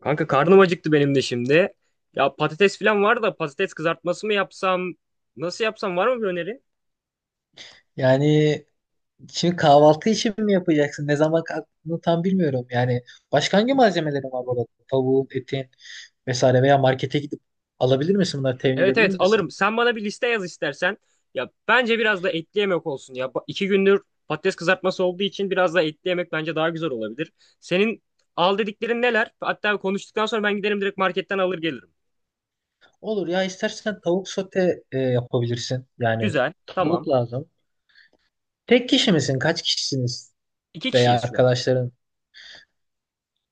Kanka karnım acıktı benim de şimdi. Ya patates falan var da patates kızartması mı yapsam? Nasıl yapsam, var mı bir öneri? Yani şimdi kahvaltı için mi yapacaksın? Ne zaman kalktığını tam bilmiyorum. Yani başka hangi malzemelerin var burada? Tavuğun, etin vesaire, veya markete gidip alabilir misin, bunları temin Evet edebilir evet, misin? alırım. Sen bana bir liste yaz istersen. Ya bence biraz da etli yemek olsun. İki gündür patates kızartması olduğu için biraz da etli yemek bence daha güzel olabilir. Senin al dediklerin neler? Hatta konuştuktan sonra ben giderim, direkt marketten alır gelirim. Olur, ya istersen tavuk sote yapabilirsin. Yani Güzel. Tamam. tavuk lazım. Tek kişi misin? Kaç kişisiniz? İki Veya kişiyiz şu an. arkadaşların?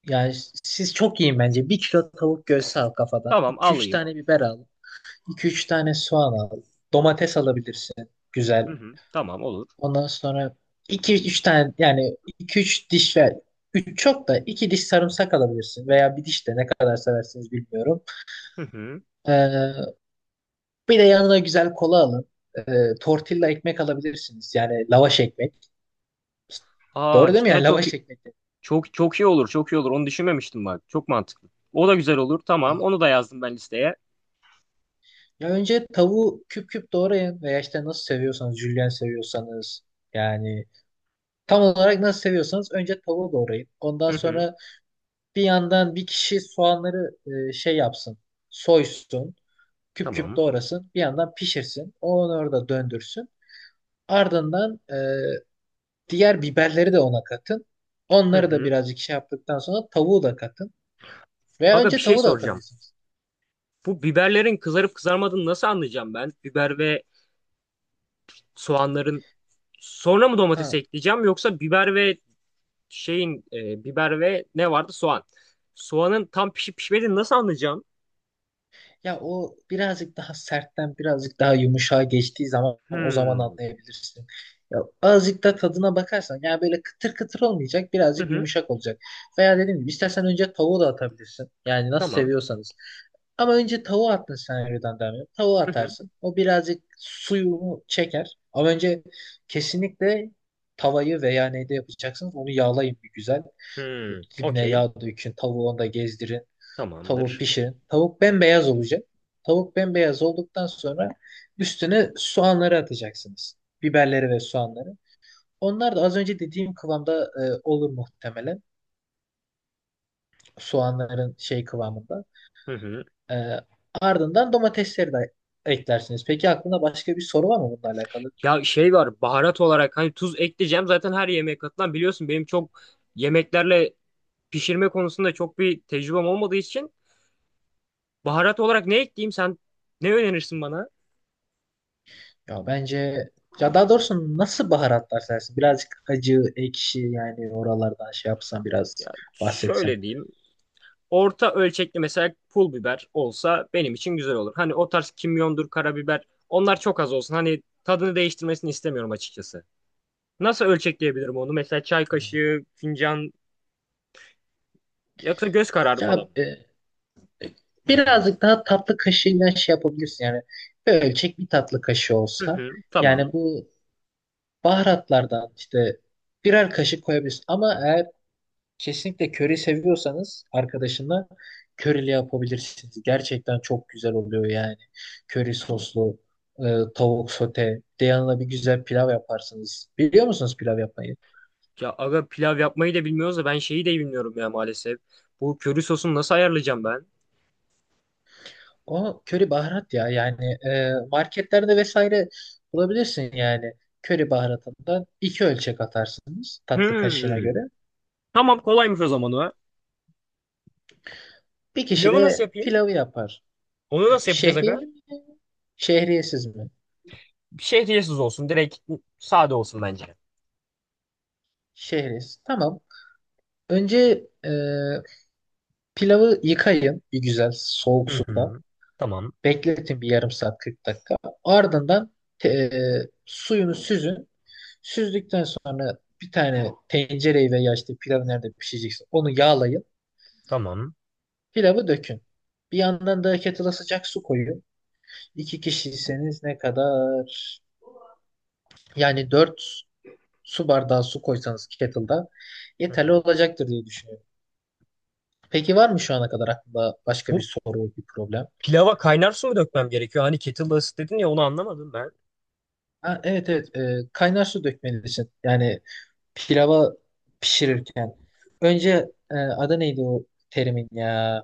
Yani siz çok yiyin bence. 1 kilo tavuk göğsü al kafadan. Tamam, 2 üç alayım. tane biber al. 2 üç tane soğan al. Domates alabilirsin. Güzel. Hı hı. Tamam, olur. Ondan sonra iki üç tane, yani iki üç diş, ve 3 çok da 2 diş sarımsak alabilirsin, veya bir diş, de ne kadar seversiniz bilmiyorum. Hı hı. Ee, Bir de yanına güzel kola alın. Tortilla ekmek alabilirsiniz. Yani lavaş ekmek. Doğru Aa, değil mi? cidden Yani çok. lavaş ekmek de. Çok çok iyi olur, çok iyi olur. Onu düşünmemiştim bak. Çok mantıklı. O da güzel olur. Tamam, Ha. onu da yazdım ben listeye. Ya önce tavuğu küp küp doğrayın, veya işte nasıl seviyorsanız, jülyen seviyorsanız, yani tam olarak nasıl seviyorsanız önce tavuğu doğrayın. Ondan Hı hı, sonra bir yandan bir kişi soğanları şey yapsın, soysun, küp küp tamam. doğrasın. Bir yandan pişirsin. Onu orada döndürsün. Ardından diğer biberleri de ona katın. Hı Onları da hı. birazcık şey yaptıktan sonra tavuğu da katın. Veya Aga, bir önce şey tavuğu da soracağım. atabilirsiniz. Bu biberlerin kızarıp kızarmadığını nasıl anlayacağım ben? Biber ve soğanların sonra mı domatesi Ha. ekleyeceğim, yoksa biber ve biber ve ne vardı? Soğan. Soğanın tam pişip pişmediğini nasıl anlayacağım? Ya o birazcık daha sertten birazcık daha yumuşağa geçtiği zaman, o zaman Hmm. anlayabilirsin. Ya azıcık da tadına bakarsan, yani böyle kıtır kıtır olmayacak, Hı birazcık hı. yumuşak olacak. Veya dediğim gibi, istersen önce tavuğu da atabilirsin. Yani nasıl Tamam. seviyorsanız. Ama önce tavuğu attın, senaryodan devam ediyorum. Tavuğu Hı hı. atarsın. O birazcık suyunu çeker. Ama önce kesinlikle tavayı veya neyde yapacaksınız onu yağlayın bir güzel. Hmm. Dibine Okey. yağ dökün. Tavuğu onda gezdirin. Tavuk Tamamdır. pişirin. Tavuk bembeyaz olacak. Tavuk bembeyaz olduktan sonra üstüne soğanları atacaksınız. Biberleri ve soğanları. Onlar da az önce dediğim kıvamda olur muhtemelen. Soğanların şey kıvamında. Hı hı. E, Ardından domatesleri de eklersiniz. Peki aklında başka bir soru var mı bununla alakalı? Ya şey var, baharat olarak hani tuz ekleyeceğim zaten her yemeğe katılan, biliyorsun benim çok yemeklerle pişirme konusunda çok bir tecrübem olmadığı için baharat olarak ne ekleyeyim, sen ne önerirsin bana? Ya bence, ya daha doğrusu, nasıl baharatlar sersin? Birazcık acı, ekşi, yani oralardan şey yapsan, biraz Ya bahsetsen. şöyle diyeyim, orta ölçekli mesela pul biber olsa benim için güzel olur. Hani o tarz kimyondur, karabiber, onlar çok az olsun, hani tadını değiştirmesini istemiyorum açıkçası. Nasıl ölçekleyebilirim onu, mesela çay Yani. kaşığı, fincan, yoksa göz kararı falan Ya, mı? Birazcık daha tatlı kaşığıyla şey yapabilirsin. Yani bir ölçek, bir tatlı kaşığı Hı olsa hı, tamam. yani, bu baharatlardan işte birer kaşık koyabilirsin. Ama eğer kesinlikle köri seviyorsanız arkadaşınla, körili yapabilirsiniz. Gerçekten çok güzel oluyor yani. Köri soslu e, tavuk sote. Bir de yanına bir güzel pilav yaparsınız. Biliyor musunuz pilav yapmayı? Ya aga, pilav yapmayı da bilmiyoruz da ben şeyi de bilmiyorum ya maalesef. Bu köri sosunu nasıl ayarlayacağım ben? O köri baharat ya, yani marketlerde vesaire bulabilirsin yani. Köri baharatından 2 ölçek atarsınız, tatlı kaşığına Hmm. göre. Tamam, kolaymış o zaman o. Bir kişi Pilavı nasıl de yapayım? pilavı yapar. Onu nasıl yapacağız aga? Şehriyeli mi? Şehriyesiz mi? Bir şey olsun. Direkt sade olsun bence. Şehriyesiz. Tamam. Önce pilavı yıkayın bir güzel soğuk Hı suda. hı. Tamam. Bekletin bir yarım saat 40 dakika. Ardından e, suyunu süzün. Süzdükten sonra bir tane tencereyi, ve ya işte pilavı nerede pişecekse onu yağlayın. Tamam. Pilavı dökün. Bir yandan da kettle'a sıcak su koyun. İki kişiyseniz ne kadar? Yani 4 su bardağı su koysanız kettle'da Hı yeterli hı. olacaktır diye düşünüyorum. Peki var mı şu ana kadar aklında başka Bu bir soru, bir problem? pilava kaynar su mu dökmem gerekiyor? Hani kettle'da ısıt dedin ya, onu anlamadım ben. Ha, evet evet. Kaynar su dökmelisin. Yani pilava, pişirirken. Önce adı neydi o terimin ya?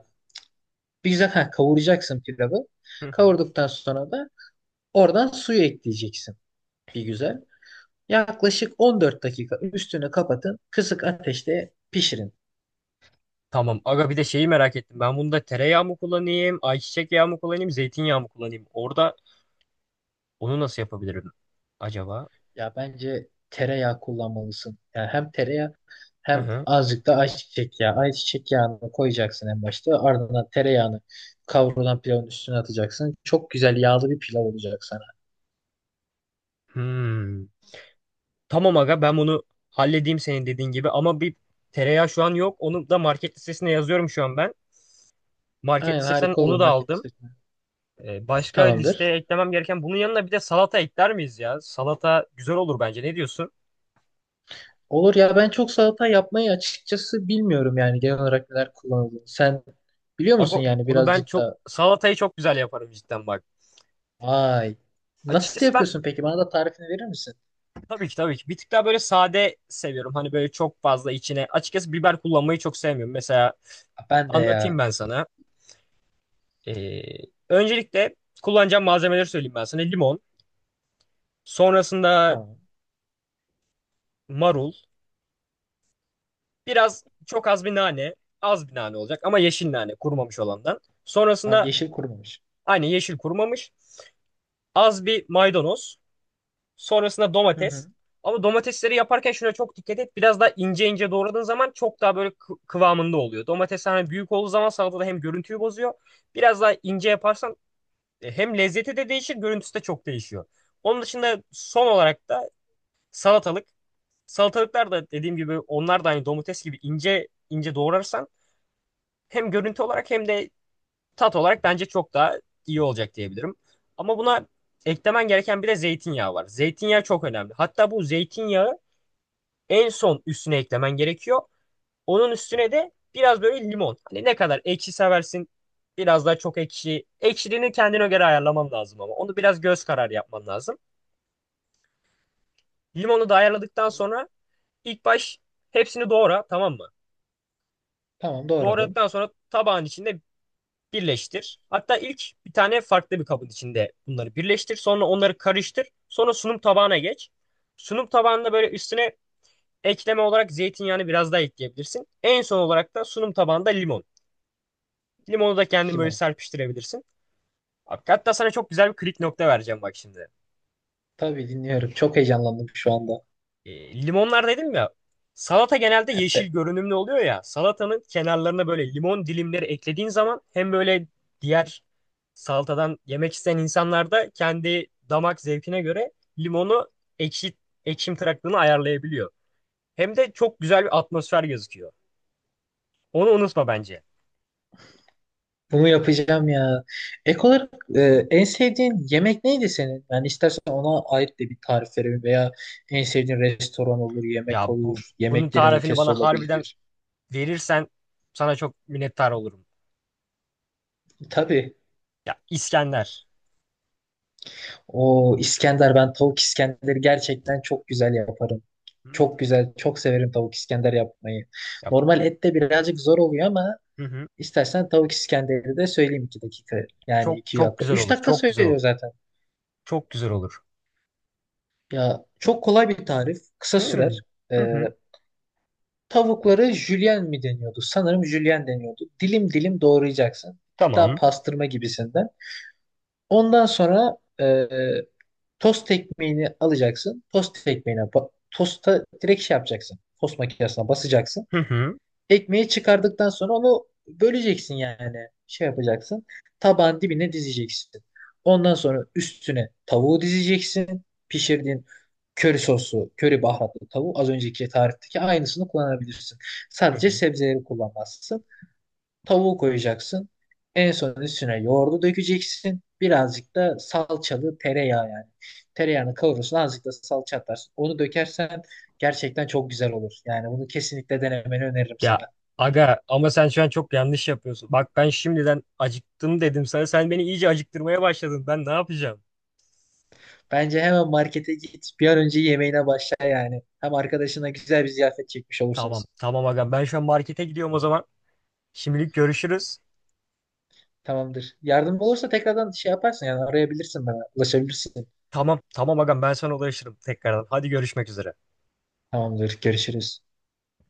Bir güzel, ha, kavuracaksın pilavı. Hı hı. Kavurduktan sonra da oradan suyu ekleyeceksin bir güzel. Yaklaşık 14 dakika üstünü kapatın. Kısık ateşte pişirin. Tamam. Aga, bir de şeyi merak ettim. Ben bunda tereyağı mı kullanayım, ayçiçek yağı mı kullanayım, zeytinyağı mı kullanayım? Orada onu nasıl yapabilirim acaba? Ya bence tereyağı kullanmalısın. Yani hem tereyağı, Hı hem hı. azıcık da ayçiçek yağı. Ayçiçek yağını koyacaksın en başta. Ardından tereyağını kavrulan pilavın üstüne atacaksın. Çok güzel yağlı bir pilav olacak sana. Hmm. Tamam aga, ben bunu halledeyim senin dediğin gibi ama bir tereyağı şu an yok. Onu da market listesine yazıyorum şu an ben. Market Aynen, listesinden harika olur onu da market aldım. listesine. Başka Tamamdır. listeye eklemem gereken, bunun yanına bir de salata ekler miyiz ya? Salata güzel olur bence. Ne diyorsun? Olur, ya ben çok salata yapmayı açıkçası bilmiyorum, yani genel olarak neler kullanıldığını. Sen biliyor musun Aga yani, onu ben, birazcık çok da. salatayı çok güzel yaparım cidden bak. Vay. Nasıl Açıkçası ben yapıyorsun peki? Bana da tarifini verir misin? tabii ki bir tık daha böyle sade seviyorum. Hani böyle çok fazla içine, açıkçası biber kullanmayı çok sevmiyorum. Mesela Ben de ya. anlatayım ben sana. Ee, Öncelikle kullanacağım malzemeleri söyleyeyim ben sana. Limon. Sonrasında Tamam. marul. Biraz, çok az bir nane. Az bir nane olacak ama yeşil nane, kurumamış olandan. Ha, Sonrasında yeşil kurumamış. aynı, yeşil, kurumamış. Az bir maydanoz. Sonrasında Hı domates. hı. Ama domatesleri yaparken şuna çok dikkat et. Biraz daha ince ince doğradığın zaman çok daha böyle kıvamında oluyor. Domates hani büyük olduğu zaman salatada hem görüntüyü bozuyor. Biraz daha ince yaparsan hem lezzeti de değişir, görüntüsü de çok değişiyor. Onun dışında son olarak da salatalık. Salatalıklar da dediğim gibi, onlar da hani domates gibi ince ince doğrarsan hem görüntü olarak hem de tat olarak bence çok daha iyi olacak diyebilirim. Ama buna eklemen gereken bir de zeytinyağı var. Zeytinyağı çok önemli. Hatta bu zeytinyağı en son üstüne eklemen gerekiyor. Onun üstüne de biraz böyle limon. Hani ne kadar ekşi seversin, biraz daha çok ekşi. Ekşiliğini kendine göre ayarlaman lazım ama. Onu biraz göz kararı yapman lazım. Limonu da ayarladıktan sonra ilk baş hepsini doğra, tamam mı? Tamam, doğradım. Doğradıktan sonra tabağın içinde birleştir. Hatta ilk bir tane farklı bir kabın içinde bunları birleştir. Sonra onları karıştır. Sonra sunum tabağına geç. Sunum tabağında böyle üstüne ekleme olarak zeytinyağını biraz daha ekleyebilirsin. En son olarak da sunum tabağında limon. Limonu da kendin böyle Limon. serpiştirebilirsin. Abi, hatta sana çok güzel bir klik nokta vereceğim bak şimdi. Tabii, dinliyorum. Çok heyecanlandım şu anda. Limonlar dedim ya. Salata genelde yeşil E, görünümlü oluyor ya. Salatanın kenarlarına böyle limon dilimleri eklediğin zaman hem böyle diğer salatadan yemek isteyen insanlar da kendi damak zevkine göre limonu ekşi, ekşim tıraklığını ayarlayabiliyor. Hem de çok güzel bir atmosfer gözüküyor. Onu unutma bence. Bunu yapacağım ya. Ek olarak e, en sevdiğin yemek neydi senin? Yani istersen ona ait de bir tarif verelim, veya en sevdiğin restoran olur, yemek Ya bu olur, Bunun yemeklerin tarifini ülkesi bana harbiden olabilir. verirsen sana çok minnettar olurum. Tabii. Ya İskender. O İskender, ben tavuk İskender'i gerçekten çok güzel yaparım. Çok Hmm. güzel, çok severim tavuk İskender yapmayı. Ya, Normal et de birazcık zor oluyor ama. hı hı. İstersen tavuk İskender'i de söyleyeyim, 2 dakika. Yani Çok iki çok dakika. güzel 3 olur. dakika Çok güzel söylüyor olur. zaten. Çok güzel olur. Ya çok kolay bir tarif. Kısa Hmm. sürer. Hı Ee, hı. Tavukları jülyen mi deniyordu? Sanırım jülyen deniyordu. Dilim dilim doğrayacaksın. Bir tık daha Tamam. pastırma gibisinden. Ondan sonra tost ekmeğini alacaksın. Tost ekmeğine tosta direkt şey yapacaksın. Tost makinesine basacaksın. Hı hı. Ekmeği çıkardıktan sonra onu böleceksin yani. Şey yapacaksın. Tabağın dibine dizeceksin. Ondan sonra üstüne tavuğu dizeceksin. Pişirdiğin köri soslu, köri baharatlı tavuğu, az önceki tarifteki aynısını kullanabilirsin. Hı Sadece hı. sebzeleri kullanmazsın. Tavuğu koyacaksın. En son üstüne yoğurdu dökeceksin. Birazcık da salçalı tereyağı yani. Tereyağını kavurursun, azıcık da salça atarsın. Onu dökersen gerçekten çok güzel olur. Yani bunu kesinlikle denemeni öneririm sana. Ya aga ama sen şu an çok yanlış yapıyorsun. Bak ben şimdiden acıktım dedim sana. Sen beni iyice acıktırmaya başladın. Ben ne yapacağım? Bence hemen markete git. Bir an önce yemeğine başla yani. Hem arkadaşına güzel bir ziyafet çekmiş Tamam olursunuz. tamam agam, ben şu an markete gidiyorum o zaman. Şimdilik görüşürüz. Tamamdır. Yardım olursa tekrardan şey yaparsın yani, arayabilirsin bana. Ulaşabilirsin. Tamam tamam agam, ben sana ulaşırım tekrardan. Hadi görüşmek üzere. Tamamdır. Görüşürüz.